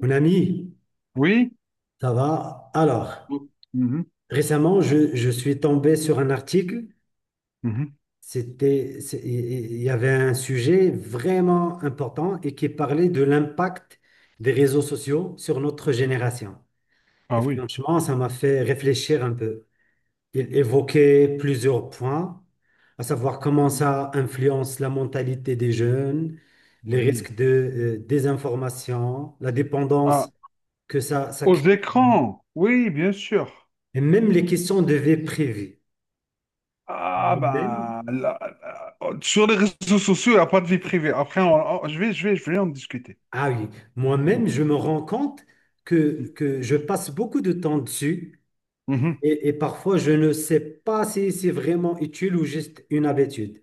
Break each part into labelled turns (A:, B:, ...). A: Mon ami,
B: Oui.
A: ça va? Alors,
B: Mm. Mhm,
A: récemment, je suis tombé sur un article.
B: mhm.
A: Il y avait un sujet vraiment important et qui parlait de l'impact des réseaux sociaux sur notre génération. Et
B: Ah oui.
A: franchement, ça m'a fait réfléchir un peu. Il évoquait plusieurs points, à savoir comment ça influence la mentalité des jeunes, les
B: Oui.
A: risques de désinformation, la
B: Ah,
A: dépendance que ça
B: aux
A: crée.
B: écrans. Oui, bien sûr.
A: Et même les questions de vie privée.
B: Ah
A: Moi-même,
B: ben, là, sur les réseaux sociaux, il n'y a pas de vie privée. Après, je vais, je vais en discuter.
A: ah oui, moi-même,
B: Mhm,
A: je me rends compte que je passe beaucoup de temps dessus
B: mhm, mhm,
A: et parfois je ne sais pas si c'est vraiment utile ou juste une habitude.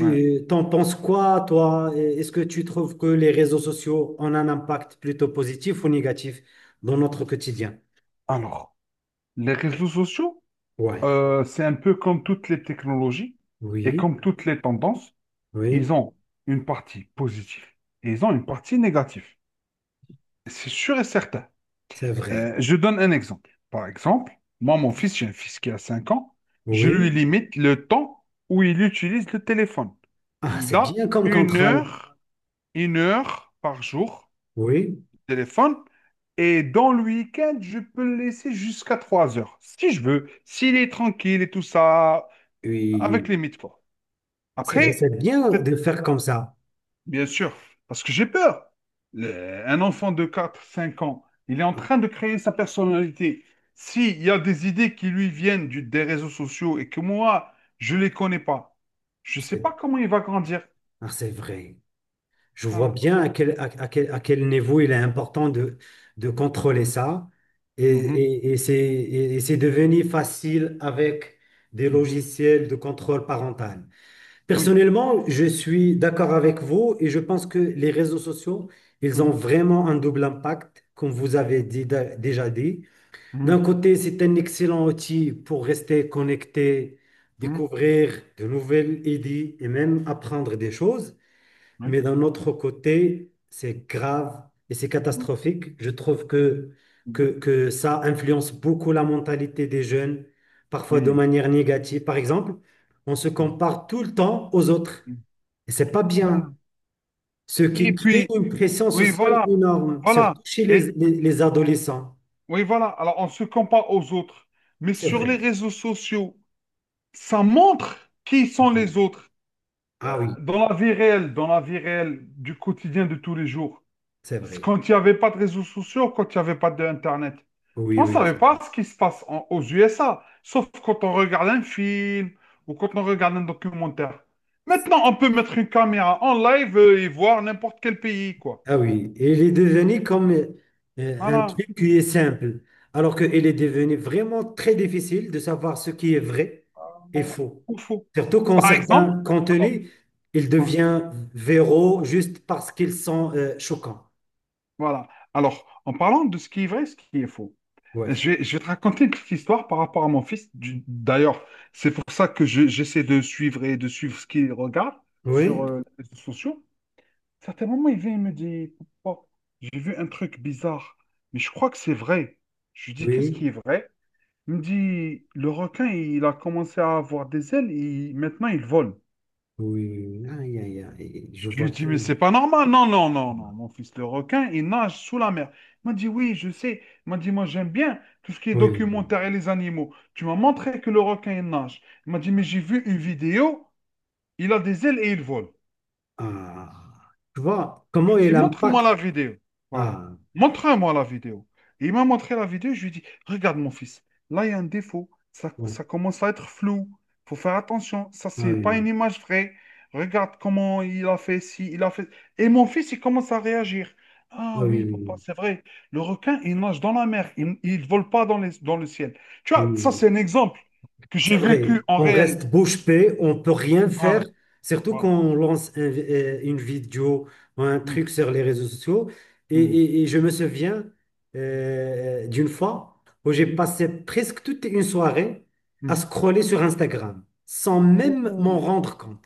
B: ouais.
A: t'en penses quoi, toi? Est-ce que tu trouves que les réseaux sociaux ont un impact plutôt positif ou négatif dans notre quotidien?
B: Alors, les réseaux sociaux,
A: Ouais.
B: c'est un peu comme toutes les technologies et
A: Oui,
B: comme toutes les tendances, ils
A: oui,
B: ont une partie positive et ils ont une partie négative. C'est sûr et certain.
A: c'est vrai.
B: Je donne un exemple. Par exemple, moi, mon fils, j'ai un fils qui a 5 ans, je
A: Oui.
B: lui limite le temps où il utilise le téléphone.
A: Ah,
B: Il
A: c'est
B: a
A: bien comme contrôle.
B: une heure par jour
A: Oui,
B: de téléphone, et dans le week-end, je peux le laisser jusqu'à 3 heures, si je veux, s'il est tranquille et tout ça, avec
A: oui.
B: limite quoi.
A: C'est vrai,
B: Après,
A: c'est bien
B: cette
A: de faire comme ça.
B: bien sûr, parce que j'ai peur. Un enfant de 4, 5 ans, il est en train de créer sa personnalité. S'il y a des idées qui lui viennent des réseaux sociaux et que moi, je ne les connais pas, je ne sais
A: C'est
B: pas comment il va grandir.
A: ah, c'est vrai. Je vois
B: Voilà.
A: bien à quel niveau il est important de contrôler ça. Et,
B: Mhm,
A: et, et c'est et- et c'est devenu facile avec des
B: mhm,
A: logiciels de contrôle parental.
B: oui.
A: Personnellement, je suis d'accord avec vous et je pense que les réseaux sociaux, ils ont
B: Mhm,
A: vraiment un double impact, comme vous avez
B: mhm,
A: déjà dit. D'un côté, c'est un excellent outil pour rester connecté,
B: mhm, mhm,
A: découvrir de nouvelles idées et même apprendre des choses. Mais
B: oui.
A: d'un autre côté, c'est grave et c'est
B: Mhm,
A: catastrophique. Je trouve que,
B: mhm,
A: que, que ça influence beaucoup la mentalité des jeunes, parfois de
B: oui.
A: manière négative. Par exemple, on se
B: Mhm,
A: compare tout le temps aux autres.
B: mhm.
A: Et c'est pas bien.
B: Voilà.
A: Ce
B: Et
A: qui crée
B: puis,
A: une pression
B: oui,
A: sociale
B: voilà.
A: énorme, surtout
B: Voilà.
A: chez les,
B: Et
A: les les adolescents.
B: oui, voilà. Alors, on se compare aux autres. Mais
A: C'est
B: sur les
A: vrai.
B: réseaux sociaux, ça montre qui sont les
A: Oui.
B: autres
A: Ah oui,
B: dans la vie réelle, du quotidien de tous les jours.
A: c'est
B: C'est
A: vrai.
B: Quand il n'y avait pas de réseaux sociaux, quand il n'y avait pas d'Internet,
A: Oui,
B: on ne
A: oui.
B: savait
A: ça-
B: pas ce qui se passe aux USA, sauf quand on regarde un film ou quand on regarde un documentaire. Maintenant, on peut mettre une caméra en live et voir n'importe quel pays, quoi.
A: Ah oui, et il est devenu comme un
B: Voilà.
A: truc qui est simple, alors qu'il est devenu vraiment très difficile de savoir ce qui est vrai et
B: Voilà.
A: faux.
B: Ou faux.
A: Surtout quand
B: Par exemple,
A: certains
B: alors,
A: contenus, ils
B: hein,
A: deviennent viraux juste parce qu'ils sont choquants.
B: voilà. Alors, en parlant de ce qui est vrai, ce qui est faux.
A: Ouais.
B: Je vais te raconter une petite histoire par rapport à mon fils. D'ailleurs, c'est pour ça que j'essaie de suivre ce qu'il regarde sur
A: Oui,
B: les réseaux sociaux. Certains moments, il vient et me dit, papa, j'ai vu un truc bizarre, mais je crois que c'est vrai. Je lui dis, qu'est-ce qui
A: oui,
B: est vrai? Il me dit, le requin, il a commencé à avoir des ailes et maintenant il vole.
A: oui, oui. Aïe, aïe, aïe, je
B: Je
A: vois
B: lui dis,
A: bien.
B: mais c'est pas normal. Non, non, non, non. Mon fils, le requin, il nage sous la mer. Il m'a dit, oui, je sais. Il m'a dit, moi, j'aime bien tout ce qui est
A: Oui.
B: documentaire et les animaux. Tu m'as montré que le requin, il nage. Il m'a dit, mais j'ai vu une vidéo. Il a des ailes et il vole.
A: Ah, tu vois,
B: Je lui
A: comment
B: ai dit,
A: il
B: montre-moi
A: impacte.
B: la vidéo. Voilà.
A: Ah,
B: Montre-moi la vidéo. Et il m'a montré la vidéo. Je lui ai dit, regarde mon fils, là il y a un défaut. Ça,
A: ouais.
B: ça commence à être flou. Il faut faire attention. Ça,
A: Ah
B: c'est pas une
A: oui,
B: image vraie. Regarde comment il a fait si il a fait. Et mon fils, il commence à réagir.
A: ah
B: Ah
A: oui,
B: oui, papa,
A: oui,
B: c'est vrai. Le requin, il nage dans la mer. Il ne vole pas dans les, dans le ciel. Tu vois,
A: oui.
B: ça,
A: Oui.
B: c'est un exemple que j'ai
A: C'est vrai,
B: vécu en
A: on
B: réel.
A: reste bouche bée, on peut rien faire,
B: Voilà.
A: surtout quand
B: Voilà.
A: on lance une vidéo ou un truc
B: Mhm,
A: sur les réseaux sociaux. Et,
B: mhm,
A: et- et je me souviens d'une fois où j'ai
B: mhm,
A: passé presque toute une soirée à
B: mhm.
A: scroller sur Instagram sans même m'en
B: Ouh.
A: rendre compte.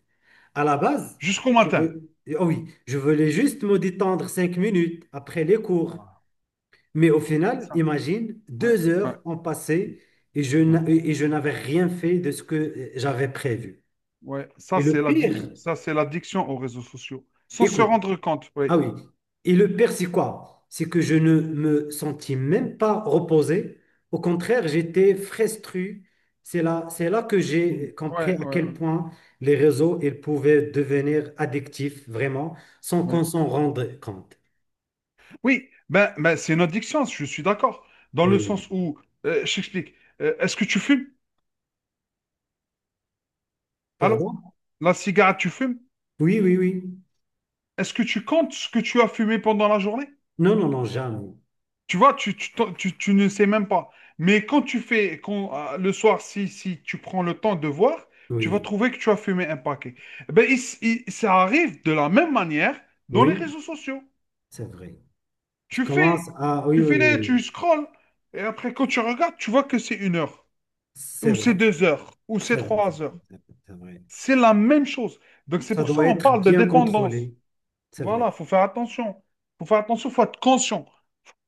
A: À la base,
B: Jusqu'au
A: je
B: matin.
A: veux, oh oui, je voulais juste me détendre 5 minutes après les cours.
B: Voilà.
A: Mais au final,
B: Ça,
A: imagine,
B: ouais,
A: deux
B: ouais,
A: heures ont
B: mm,
A: passé et je,
B: ouais,
A: n'a- et je n'avais rien fait de ce que j'avais prévu.
B: ouais. Ça,
A: Et le
B: c'est
A: pire,
B: l'addic- ça, c'est l'addiction aux réseaux sociaux. Sans se
A: écoute,
B: rendre compte, oui.
A: ah oui, et le pire, c'est quoi? C'est que je ne me sentis même pas reposé. Au contraire, j'étais frustré. C'est là que
B: Mm,
A: j'ai compris
B: ouais,
A: à
B: ouais,
A: quel
B: ouais,
A: point les réseaux, ils pouvaient devenir addictifs, vraiment, sans
B: ouais.
A: qu'on s'en rende compte.
B: Oui, ben, ben, c'est une addiction, je suis d'accord. Dans le
A: Oui.
B: sens où, je t'explique, est-ce que tu fumes? Allô?
A: Pardon?
B: La cigarette, tu fumes?
A: Oui, oui, oui.
B: Est-ce que tu comptes ce que tu as fumé pendant la journée?
A: Non, non, non, jamais.
B: Tu vois, tu ne sais même pas. Mais quand tu fais, quand, le soir, si tu prends le temps de voir, tu vas
A: Oui.
B: trouver que tu as fumé un paquet. Eh ben, ça arrive de la même manière dans les
A: Oui.
B: réseaux sociaux.
A: C'est vrai. Tu
B: Tu
A: commences
B: fais,
A: à... Oui,
B: Tu
A: oui,
B: fais
A: oui.
B: tu
A: Oui.
B: scrolls, et après, quand tu regardes, tu vois que c'est 1 heure,
A: C'est
B: ou
A: vrai.
B: c'est 2 heures, ou c'est
A: C'est vrai. C'est
B: 3 heures.
A: vrai. C'est vrai.
B: C'est la même chose. Donc, c'est
A: Ça
B: pour ça
A: doit
B: qu'on
A: être
B: parle de
A: bien
B: dépendance.
A: contrôlé. C'est vrai.
B: Voilà, faut faire attention. Faut faire attention, faut être conscient.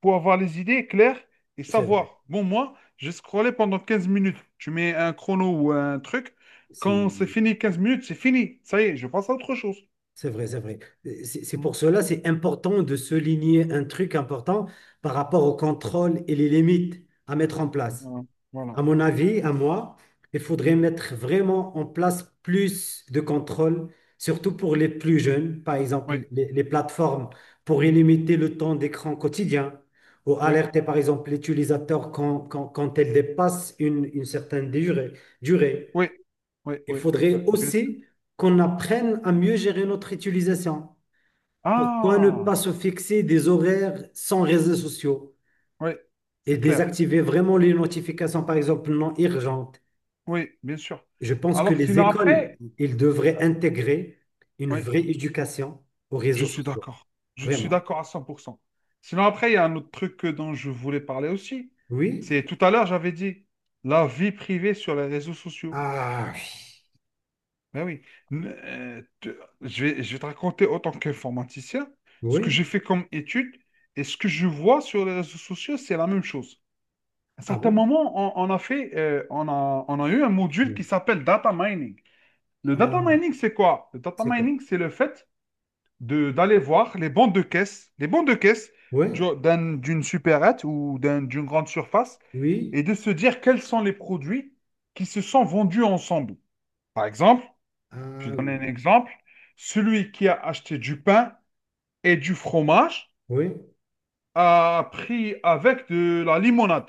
B: Faut avoir les idées claires et
A: C'est vrai.
B: savoir. Bon, moi, j'ai scrollé pendant 15 minutes. Tu mets un chrono ou un truc.
A: C'est
B: Quand c'est fini 15 minutes, c'est fini. Ça y est, je passe à autre chose.
A: C'est vrai. C'est
B: Mm.
A: pour cela, c'est important de souligner un truc important par rapport au contrôle et les limites à mettre en place.
B: Voilà. Voilà.
A: À mon avis, à moi, il faudrait
B: Mm.
A: mettre vraiment en place plus de contrôle, surtout pour les plus jeunes, par
B: Oui.
A: exemple les plateformes, pour
B: Mm.
A: limiter le temps d'écran quotidien ou
B: Oui.
A: alerter par exemple l'utilisateur quand elle dépasse une certaine durée.
B: Oui. Oui.
A: Il
B: Oui. Oui. Oui.
A: faudrait
B: Bien sûr.
A: aussi qu'on apprenne à mieux gérer notre utilisation. Pourquoi ne
B: Ah,
A: pas se fixer des horaires sans réseaux sociaux
B: oui,
A: et
B: c'est clair.
A: désactiver vraiment les notifications, par exemple, non urgentes?
B: Oui, bien sûr.
A: Je pense que
B: Alors,
A: les
B: sinon,
A: écoles,
B: après,
A: ils devraient intégrer une
B: oui.
A: vraie éducation aux
B: Je
A: réseaux
B: suis
A: sociaux.
B: d'accord. Je suis
A: Vraiment.
B: d'accord à 100%. Sinon, après, il y a un autre truc dont je voulais parler aussi.
A: Oui?
B: C'est tout à l'heure, j'avais dit la vie privée sur les réseaux sociaux.
A: Ah,
B: Ben oui. Je vais te raconter, autant tant qu'informaticien, ce que
A: oui.
B: j'ai fait comme étude et ce que je vois sur les réseaux sociaux, c'est la même chose. À un
A: Ah
B: certain
A: bon?
B: moment, on a fait, on a eu un module qui
A: Oui.
B: s'appelle data mining. Le data
A: Ah,
B: mining, c'est quoi? Le data
A: c'est quoi?
B: mining, c'est le fait de d'aller voir les bancs de caisse,
A: Oui?
B: d'une supérette ou d'une grande surface
A: Oui?
B: et de se dire quels sont les produits qui se sont vendus ensemble. Par exemple, je
A: Ah,
B: vais donner
A: oui.
B: un exemple, celui qui a acheté du pain et du fromage
A: Oui?
B: a pris avec de la limonade,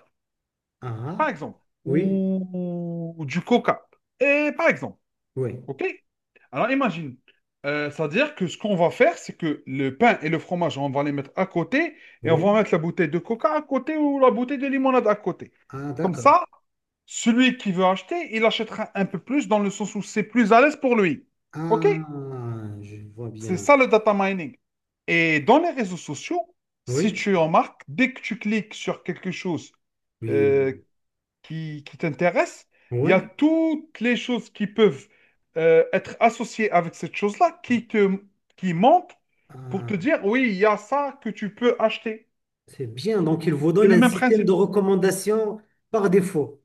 B: par
A: Ah,
B: exemple,
A: oui?
B: ou du coca. Et par exemple,
A: Oui?
B: OK? Alors imagine, c'est-à-dire que ce qu'on va faire, c'est que le pain et le fromage, on va les mettre à côté et on
A: Oui?
B: va mettre la bouteille de coca à côté ou la bouteille de limonade à côté.
A: Ah,
B: Comme
A: d'accord.
B: ça, celui qui veut acheter, il achètera un peu plus dans le sens où c'est plus à l'aise pour lui. OK?
A: Ah, je vois
B: C'est
A: bien.
B: ça le data mining. Et dans les réseaux sociaux, si
A: Oui?
B: tu remarques, dès que tu cliques sur quelque chose,
A: Oui?
B: euh, qui t'intéresse, il y a
A: Oui?
B: toutes les choses qui peuvent être associées avec cette chose-là qui manquent pour
A: Ah,
B: te dire, oui, il y a ça que tu peux acheter.
A: c'est bien. Donc, il vous
B: C'est
A: donne
B: le
A: un
B: même
A: système
B: principe.
A: de recommandation par défaut.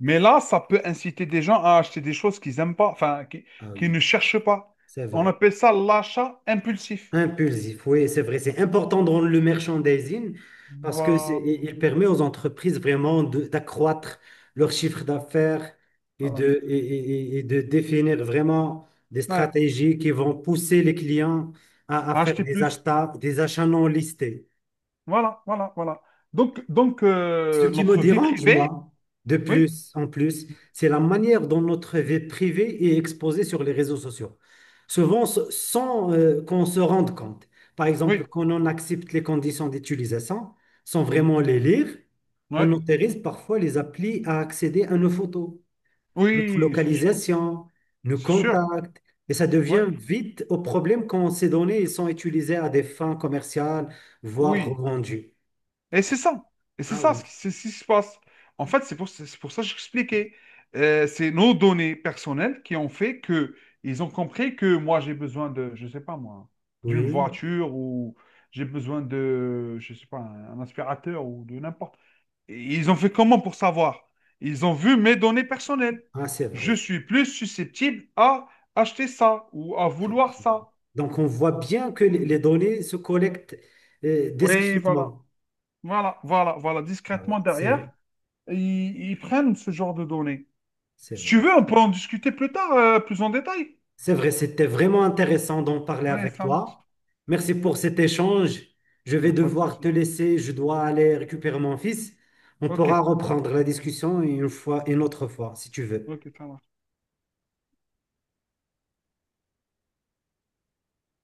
B: Mais là, ça peut inciter des gens à acheter des choses qu'ils n'aiment pas, enfin,
A: Ah
B: qu'ils
A: oui,
B: ne cherchent pas.
A: c'est
B: On
A: vrai.
B: appelle ça l'achat impulsif.
A: Impulsif, oui, c'est vrai. C'est important dans le merchandising parce que
B: Voilà.
A: il permet aux entreprises vraiment d'accroître leur chiffre d'affaires
B: Voilà.
A: et de définir vraiment des
B: Ouais.
A: stratégies qui vont pousser les clients à faire
B: Acheter plus.
A: des achats non listés.
B: Voilà, voilà, voilà. Donc, donc
A: Ce
B: euh,
A: qui me
B: notre vie
A: dérange,
B: privée,
A: moi, de
B: oui,
A: plus en plus, c'est la manière dont notre vie privée est exposée sur les réseaux sociaux. Souvent, sans qu'on se rende compte. Par exemple,
B: oui.
A: quand on accepte les conditions d'utilisation, sans
B: Mhm.
A: vraiment les lire,
B: Ouais.
A: on autorise parfois les applis à accéder à nos photos, notre
B: Oui, c'est sûr.
A: localisation, nos
B: C'est sûr.
A: contacts, et ça devient
B: Ouais.
A: vite au problème quand ces données sont utilisées à des fins commerciales, voire
B: Oui.
A: revendues.
B: Et c'est ça. Et c'est
A: Ah
B: ça
A: oui,
B: c'est ce qui se passe. En fait, c'est pour ça que j'expliquais. C'est nos données personnelles qui ont fait que ils ont compris que moi, j'ai besoin de, je sais pas moi, d'une
A: oui,
B: voiture ou j'ai besoin de, je sais pas, un aspirateur ou de n'importe. Et ils ont fait comment pour savoir? Ils ont vu mes données personnelles.
A: ah c'est
B: Je
A: vrai.
B: suis plus susceptible à acheter ça ou à
A: Très
B: vouloir
A: bien.
B: ça.
A: Donc, on voit bien que les
B: Mm.
A: données se collectent
B: Oui, voilà.
A: discrètement.
B: Voilà, voilà, voilà,
A: Ah oui,
B: discrètement
A: c'est
B: derrière,
A: vrai,
B: ils prennent ce genre de données.
A: c'est
B: Si tu
A: vrai.
B: veux, on peut en discuter plus tard, plus en détail.
A: C'est vrai, c'était vraiment intéressant d'en parler
B: Oui,
A: avec
B: ça marche.
A: toi. Merci pour cet échange. Je
B: Il n'y
A: vais
B: a pas de
A: devoir te
B: souci.
A: laisser, je dois aller
B: Ok,
A: récupérer mon fils. On
B: ok,
A: pourra reprendre la discussion une autre fois, si tu veux.
B: ok, ça marche.